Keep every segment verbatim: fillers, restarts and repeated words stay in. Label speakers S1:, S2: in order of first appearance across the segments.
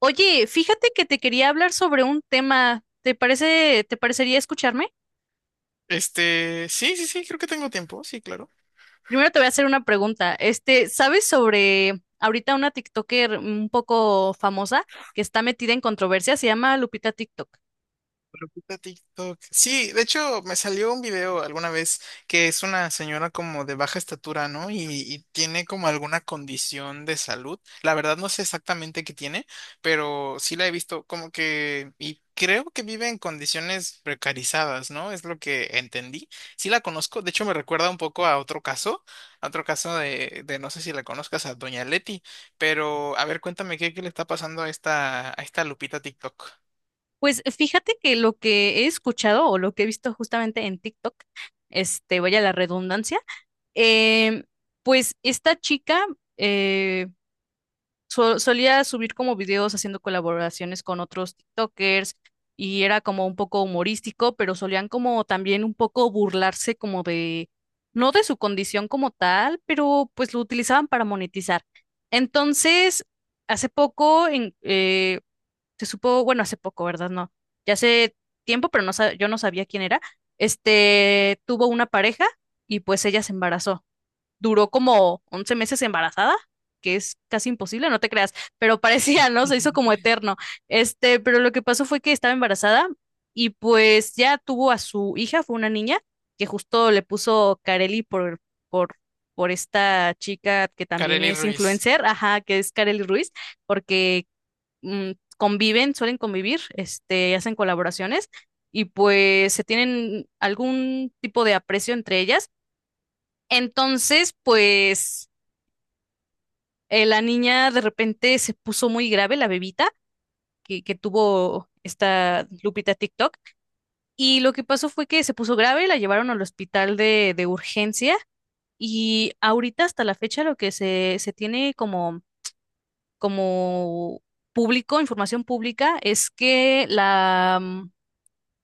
S1: Oye, fíjate que te quería hablar sobre un tema. ¿Te parece, te parecería escucharme?
S2: Este, sí, sí, sí, creo que tengo tiempo, sí, claro.
S1: Primero te voy a hacer una pregunta. Este, ¿sabes sobre ahorita una TikToker un poco famosa que está metida en controversia? Se llama Lupita TikTok.
S2: Lo quita TikTok. Sí, de hecho, me salió un video alguna vez que es una señora como de baja estatura, ¿no? Y, y tiene como alguna condición de salud. La verdad no sé exactamente qué tiene, pero sí la he visto como que, y creo que vive en condiciones precarizadas, ¿no? Es lo que entendí. Sí la conozco, de hecho me recuerda un poco a otro caso, a otro caso de, de no sé si la conozcas, a Doña Leti, pero a ver, cuéntame qué, qué le está pasando a esta, a esta Lupita TikTok.
S1: Pues fíjate que lo que he escuchado o lo que he visto justamente en TikTok, este, vaya la redundancia, em, pues esta chica eh, so- solía subir como videos haciendo colaboraciones con otros TikTokers y era como un poco humorístico, pero solían como también un poco burlarse como de, no de su condición como tal, pero pues lo utilizaban para monetizar. Entonces, hace poco en- eh, se supo, bueno, hace poco, ¿verdad? No, ya hace tiempo, pero no, sa- yo no sabía quién era. Este tuvo una pareja y pues ella se embarazó, duró como once meses embarazada, que es casi imposible, no te creas, pero parecía, ¿no? Se hizo como eterno. Este, pero lo que pasó fue que estaba embarazada y pues ya tuvo a su hija, fue una niña, que justo le puso Carelli por, por, por esta chica que también
S2: Kareli
S1: es
S2: Ruiz.
S1: influencer, ajá, que es Carelli Ruiz, porque mm, conviven, suelen convivir, este, hacen colaboraciones. Y pues se tienen algún tipo de aprecio entre ellas. Entonces, pues eh, la niña de repente se puso muy grave, la bebita que, que tuvo esta Lupita TikTok. Y lo que pasó fue que se puso grave, la llevaron al hospital de, de urgencia, y ahorita hasta la fecha lo que se, se tiene como, como público, información pública, es que la, mm,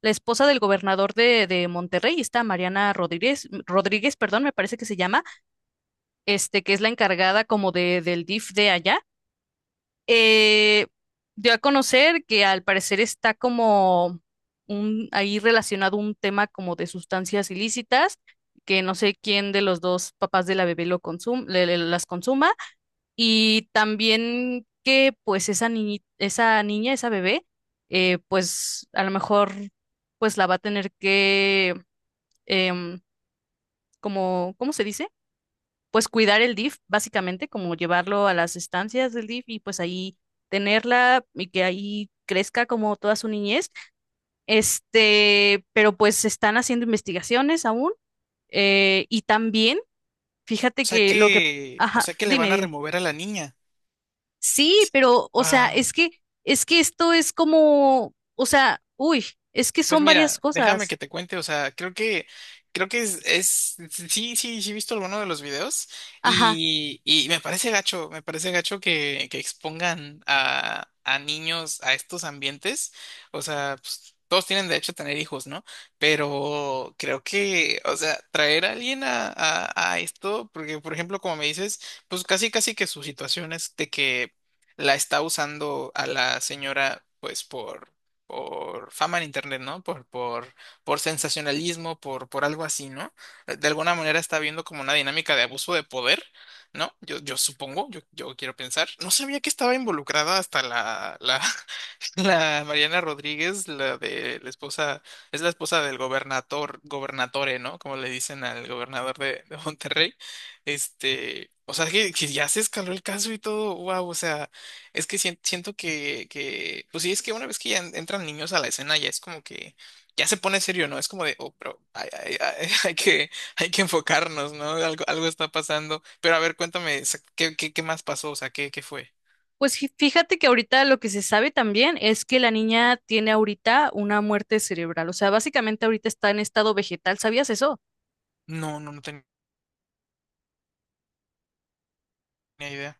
S1: la esposa del gobernador de, de Monterrey, esta Mariana Rodríguez, Rodríguez, perdón, me parece que se llama, este, que es la encargada como de, del D I F de allá, eh, dio a conocer que al parecer está como un, ahí relacionado un tema como de sustancias ilícitas, que no sé quién de los dos papás de la bebé lo consum- le- le- las consuma, y también que pues esa niñi- esa niña, esa bebé, eh, pues a lo mejor pues la va a tener que, em, como, ¿cómo se dice? Pues cuidar el D I F, básicamente, como llevarlo a las estancias del D I F y pues ahí tenerla y que ahí crezca como toda su niñez. Este, pero pues se están haciendo investigaciones aún. Eh, y también,
S2: O
S1: fíjate
S2: sea
S1: que lo que,
S2: que, o
S1: ajá,
S2: sea que le
S1: dime,
S2: van a
S1: dime.
S2: remover a la niña.
S1: Sí, pero, o sea, es
S2: Wow.
S1: que, es que esto es como, o sea, uy, es que
S2: Pues
S1: son varias
S2: mira, déjame
S1: cosas.
S2: que te cuente, o sea, creo que, creo que es, es- sí, sí, sí he visto alguno de los videos
S1: Ajá.
S2: y, y me parece gacho, me parece gacho que, que expongan a, a niños a estos ambientes, o sea, pues, todos tienen derecho a tener hijos, ¿no? Pero creo que, o sea, traer a alguien a, a, a esto, porque por ejemplo, como me dices, pues casi, casi que su situación es de que la está usando a la señora, pues por por fama en internet, ¿no? Por, por, por sensacionalismo, por, por algo así, ¿no? Eh, De alguna manera está habiendo como una dinámica de abuso de poder, ¿no? Yo, yo supongo, yo, yo quiero pensar. No sabía que estaba involucrada hasta la, la La Mariana Rodríguez, la de la esposa, es la esposa del gobernador, gobernatore, ¿no? Como le dicen al gobernador de, de Monterrey. Este, o sea, que, que ya se escaló el caso y todo, wow, o sea, es que sien- siento que, que, pues sí, es que una vez que ya en- entran niños a la escena, ya es como que, ya se pone serio, ¿no? Es como de, oh, pero hay, hay- hay- hay que, hay que enfocarnos, ¿no? Algo, algo está pasando. Pero a ver, cuéntame, o sea, ¿qué, qué, qué más pasó? O sea, ¿qué, qué fue?
S1: Pues fí- fíjate que ahorita lo que se sabe también es que la niña tiene ahorita una muerte cerebral, o sea, básicamente ahorita está en estado vegetal, ¿sabías eso?
S2: No, no, no tenía idea.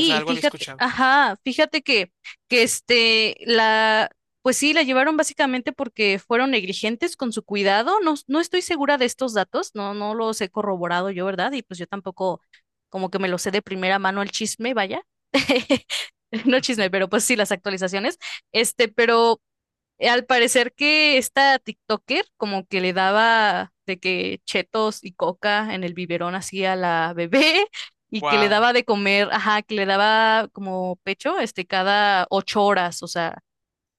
S2: O sea, algo había
S1: fíjate,
S2: escuchado.
S1: ajá, fíjate que, que este, la, pues sí, la llevaron básicamente porque fueron negligentes con su cuidado, no, no estoy segura de estos datos, no, no los he corroborado yo, ¿verdad? Y pues yo tampoco como que me lo sé de primera mano el chisme, vaya. No chisme, pero pues sí, las actualizaciones. Este, pero Eh, al parecer que esta TikToker como que le daba de que chetos y coca en el biberón así a la bebé y que le
S2: Wow.
S1: daba de comer, ajá, que le daba como pecho, este, cada ocho horas, o sea,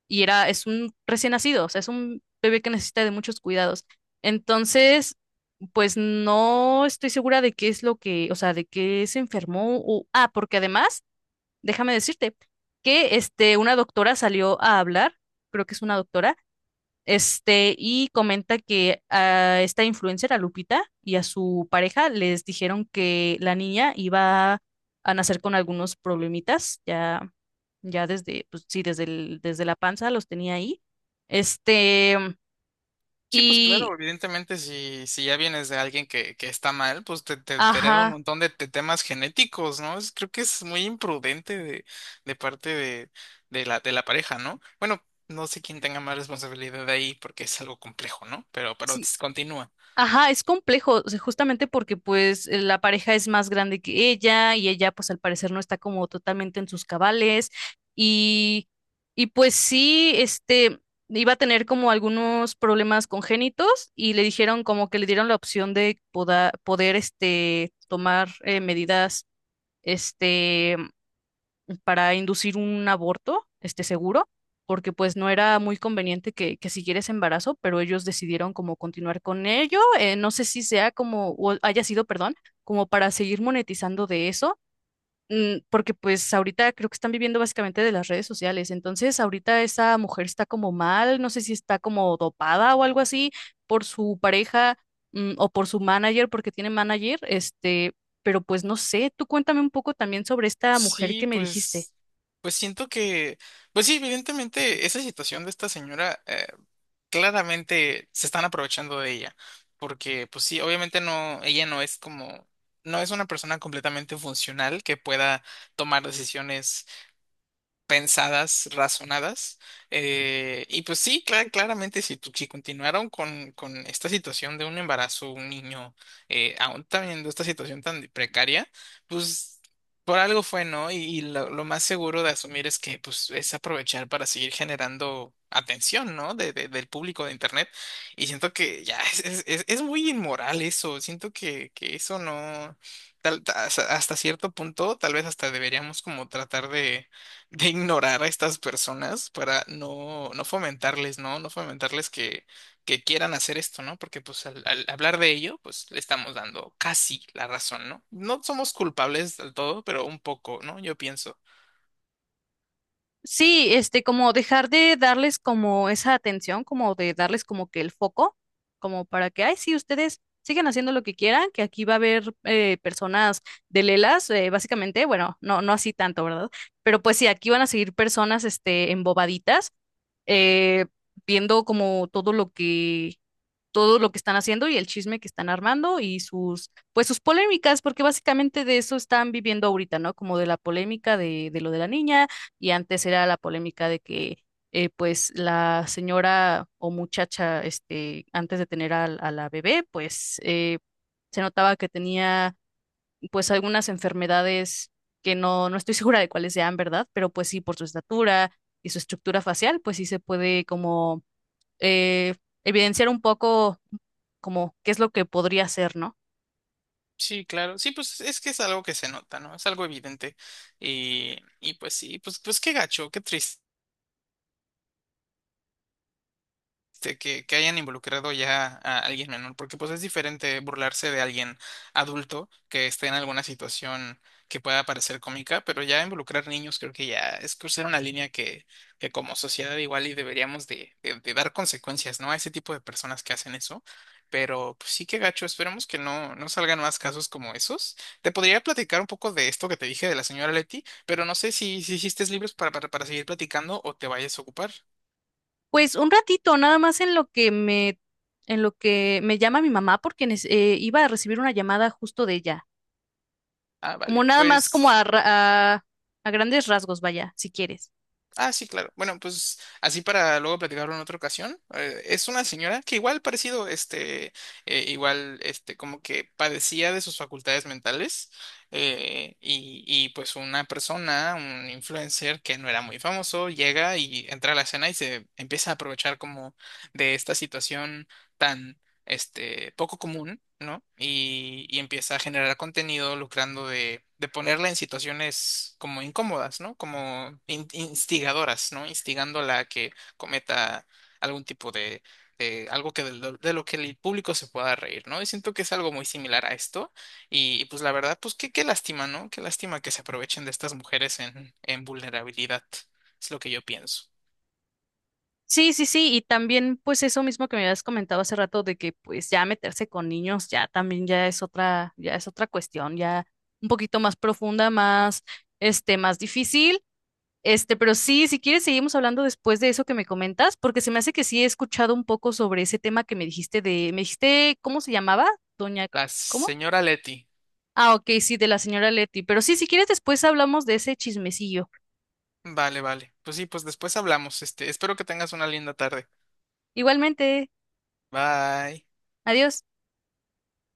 S1: y era, es un recién nacido, o sea, es un bebé que necesita de muchos cuidados. Entonces, pues no estoy segura de qué es lo que, o sea, de qué se enfermó o, ah, porque además, déjame decirte que este, una doctora salió a hablar, creo que es una doctora, este, y comenta que a esta influencer, a Lupita, y a su pareja les dijeron que la niña iba a nacer con algunos problemitas, ya, ya desde, pues sí, desde el- desde la panza los tenía ahí. Este,
S2: Sí, pues claro,
S1: y,
S2: evidentemente si, si ya vienes de alguien que, que está mal, pues te, te, te hereda un
S1: ajá.
S2: montón de, te- temas genéticos, ¿no? Es- creo que es muy imprudente de, de parte de, de la, de la pareja, ¿no? Bueno, no sé quién tenga más responsabilidad ahí porque es algo complejo, ¿no? Pero, pero
S1: Sí,
S2: continúa.
S1: ajá, es complejo, o sea, justamente porque pues eh, la pareja es más grande que ella y ella pues al parecer no está como totalmente en sus cabales y, y pues sí, este, iba a tener como algunos problemas congénitos y le dijeron como que le dieron la opción de poda- poder, este, tomar eh, medidas, este, para inducir un aborto, este seguro, porque pues no era muy conveniente que, que siguiera ese embarazo, pero ellos decidieron como continuar con ello. Eh, no sé si sea como, o haya sido, perdón, como para seguir monetizando de eso. mm, Porque pues ahorita creo que están viviendo básicamente de las redes sociales, entonces ahorita esa mujer está como mal, no sé si está como dopada o algo así por su pareja, mm, o por su manager, porque tiene manager, este, pero pues no sé, tú cuéntame un poco también sobre esta mujer
S2: Sí,
S1: que me dijiste.
S2: pues, pues siento que, pues sí, evidentemente esa situación de esta señora claramente se están aprovechando de ella, porque pues sí, obviamente no, ella no es como, no es una persona completamente funcional que pueda tomar decisiones pensadas, razonadas. Eh, y pues sí, cla- claramente si, tu- si continuaron con, con esta situación de un embarazo, un niño, eh, aún teniendo esta situación tan precaria, pues por algo fue, ¿no? Y, y lo, lo más seguro de asumir es que pues es aprovechar para seguir generando atención, ¿no? De, de- del público de Internet. Y siento que ya es, es, es- es muy inmoral eso, siento que, que eso no. Tal- ta- hasta hasta cierto punto, tal vez hasta deberíamos como tratar de de ignorar a estas personas para no, no fomentarles, ¿no? No fomentarles que, que quieran hacer esto, ¿no? Porque pues al, al hablar de ello, pues le estamos dando casi la razón, ¿no? No somos culpables del todo, pero un poco, ¿no? Yo pienso.
S1: Sí, este, como dejar de darles como esa atención, como de darles como que el foco, como para que, ay, sí, ustedes sigan haciendo lo que quieran, que aquí va a haber eh, personas de lelas, eh, básicamente, bueno, no, no así tanto, ¿verdad? Pero pues sí, aquí van a seguir personas, este, embobaditas, eh, viendo como todo lo que todo lo que están haciendo y el chisme que están armando y sus, pues sus polémicas, porque básicamente de eso están viviendo ahorita, ¿no? Como de la polémica de, de lo de la niña, y antes era la polémica de que eh, pues la señora o muchacha, este, antes de tener a, a la bebé, pues eh, se notaba que tenía pues algunas enfermedades que no, no estoy segura de cuáles sean, ¿verdad? Pero pues sí, por su estatura y su estructura facial, pues sí se puede como eh, evidenciar un poco como qué es lo que podría hacer, ¿no?
S2: Sí, claro. Sí, pues es que es algo que se nota, ¿no? Es algo evidente. Y, y pues sí, pues, pues qué gacho, qué triste. Este, que, que hayan involucrado ya a alguien menor, porque pues es diferente burlarse de alguien adulto que esté en alguna situación que pueda parecer cómica, pero ya involucrar niños creo que ya es cruzar una línea que, que como sociedad igual y deberíamos de, de- de dar consecuencias, ¿no? A ese tipo de personas que hacen eso. Pero pues sí que gacho, esperemos que no, no salgan más casos como esos. Te podría platicar un poco de esto que te dije de la señora Leti, pero no sé si, si hiciste libros para, para, para seguir platicando o te vayas a ocupar.
S1: Pues un ratito, nada más en lo que me, en lo que me llama mi mamá, porque nes- eh, iba a recibir una llamada justo de ella.
S2: Ah,
S1: Como
S2: vale.
S1: nada más como
S2: Pues
S1: a, ra- a, a grandes rasgos, vaya, si quieres.
S2: Ah, sí, claro. Bueno, pues así para luego platicarlo en otra ocasión. Eh, es una señora que igual parecido, este, eh, igual, este, como que padecía de sus facultades mentales eh, y, y pues una persona, un influencer que no era muy famoso, llega y entra a la escena y se empieza a aprovechar como de esta situación. Tan este, poco común, ¿no? Y, y empieza a generar contenido lucrando de, de ponerla en situaciones como incómodas, ¿no? Como in- instigadoras, ¿no? Instigándola a que cometa algún tipo de, de algo que de, lo de lo que el público se pueda reír, ¿no? Y siento que es algo muy similar a esto. Y, y pues la verdad, pues qué, qué lástima, ¿no? Qué lástima que se aprovechen de estas mujeres en, en vulnerabilidad. Es lo que yo pienso.
S1: Sí, sí, sí, y también pues eso mismo que me habías comentado hace rato de que pues ya meterse con niños ya también ya es otra, ya es otra cuestión, ya un poquito más profunda, más, este, más difícil. Este, pero sí, si quieres, seguimos hablando después de eso que me comentas, porque se me hace que sí he escuchado un poco sobre ese tema que me dijiste de, me dijiste, ¿cómo se llamaba? Doña,
S2: La
S1: ¿cómo?
S2: señora Leti.
S1: Ah, ok, sí, de la señora Leti. Pero sí, si quieres, después hablamos de ese chismecillo.
S2: Vale, vale. Pues sí, pues después hablamos. Este, espero que tengas una linda tarde.
S1: Igualmente,
S2: Bye.
S1: adiós.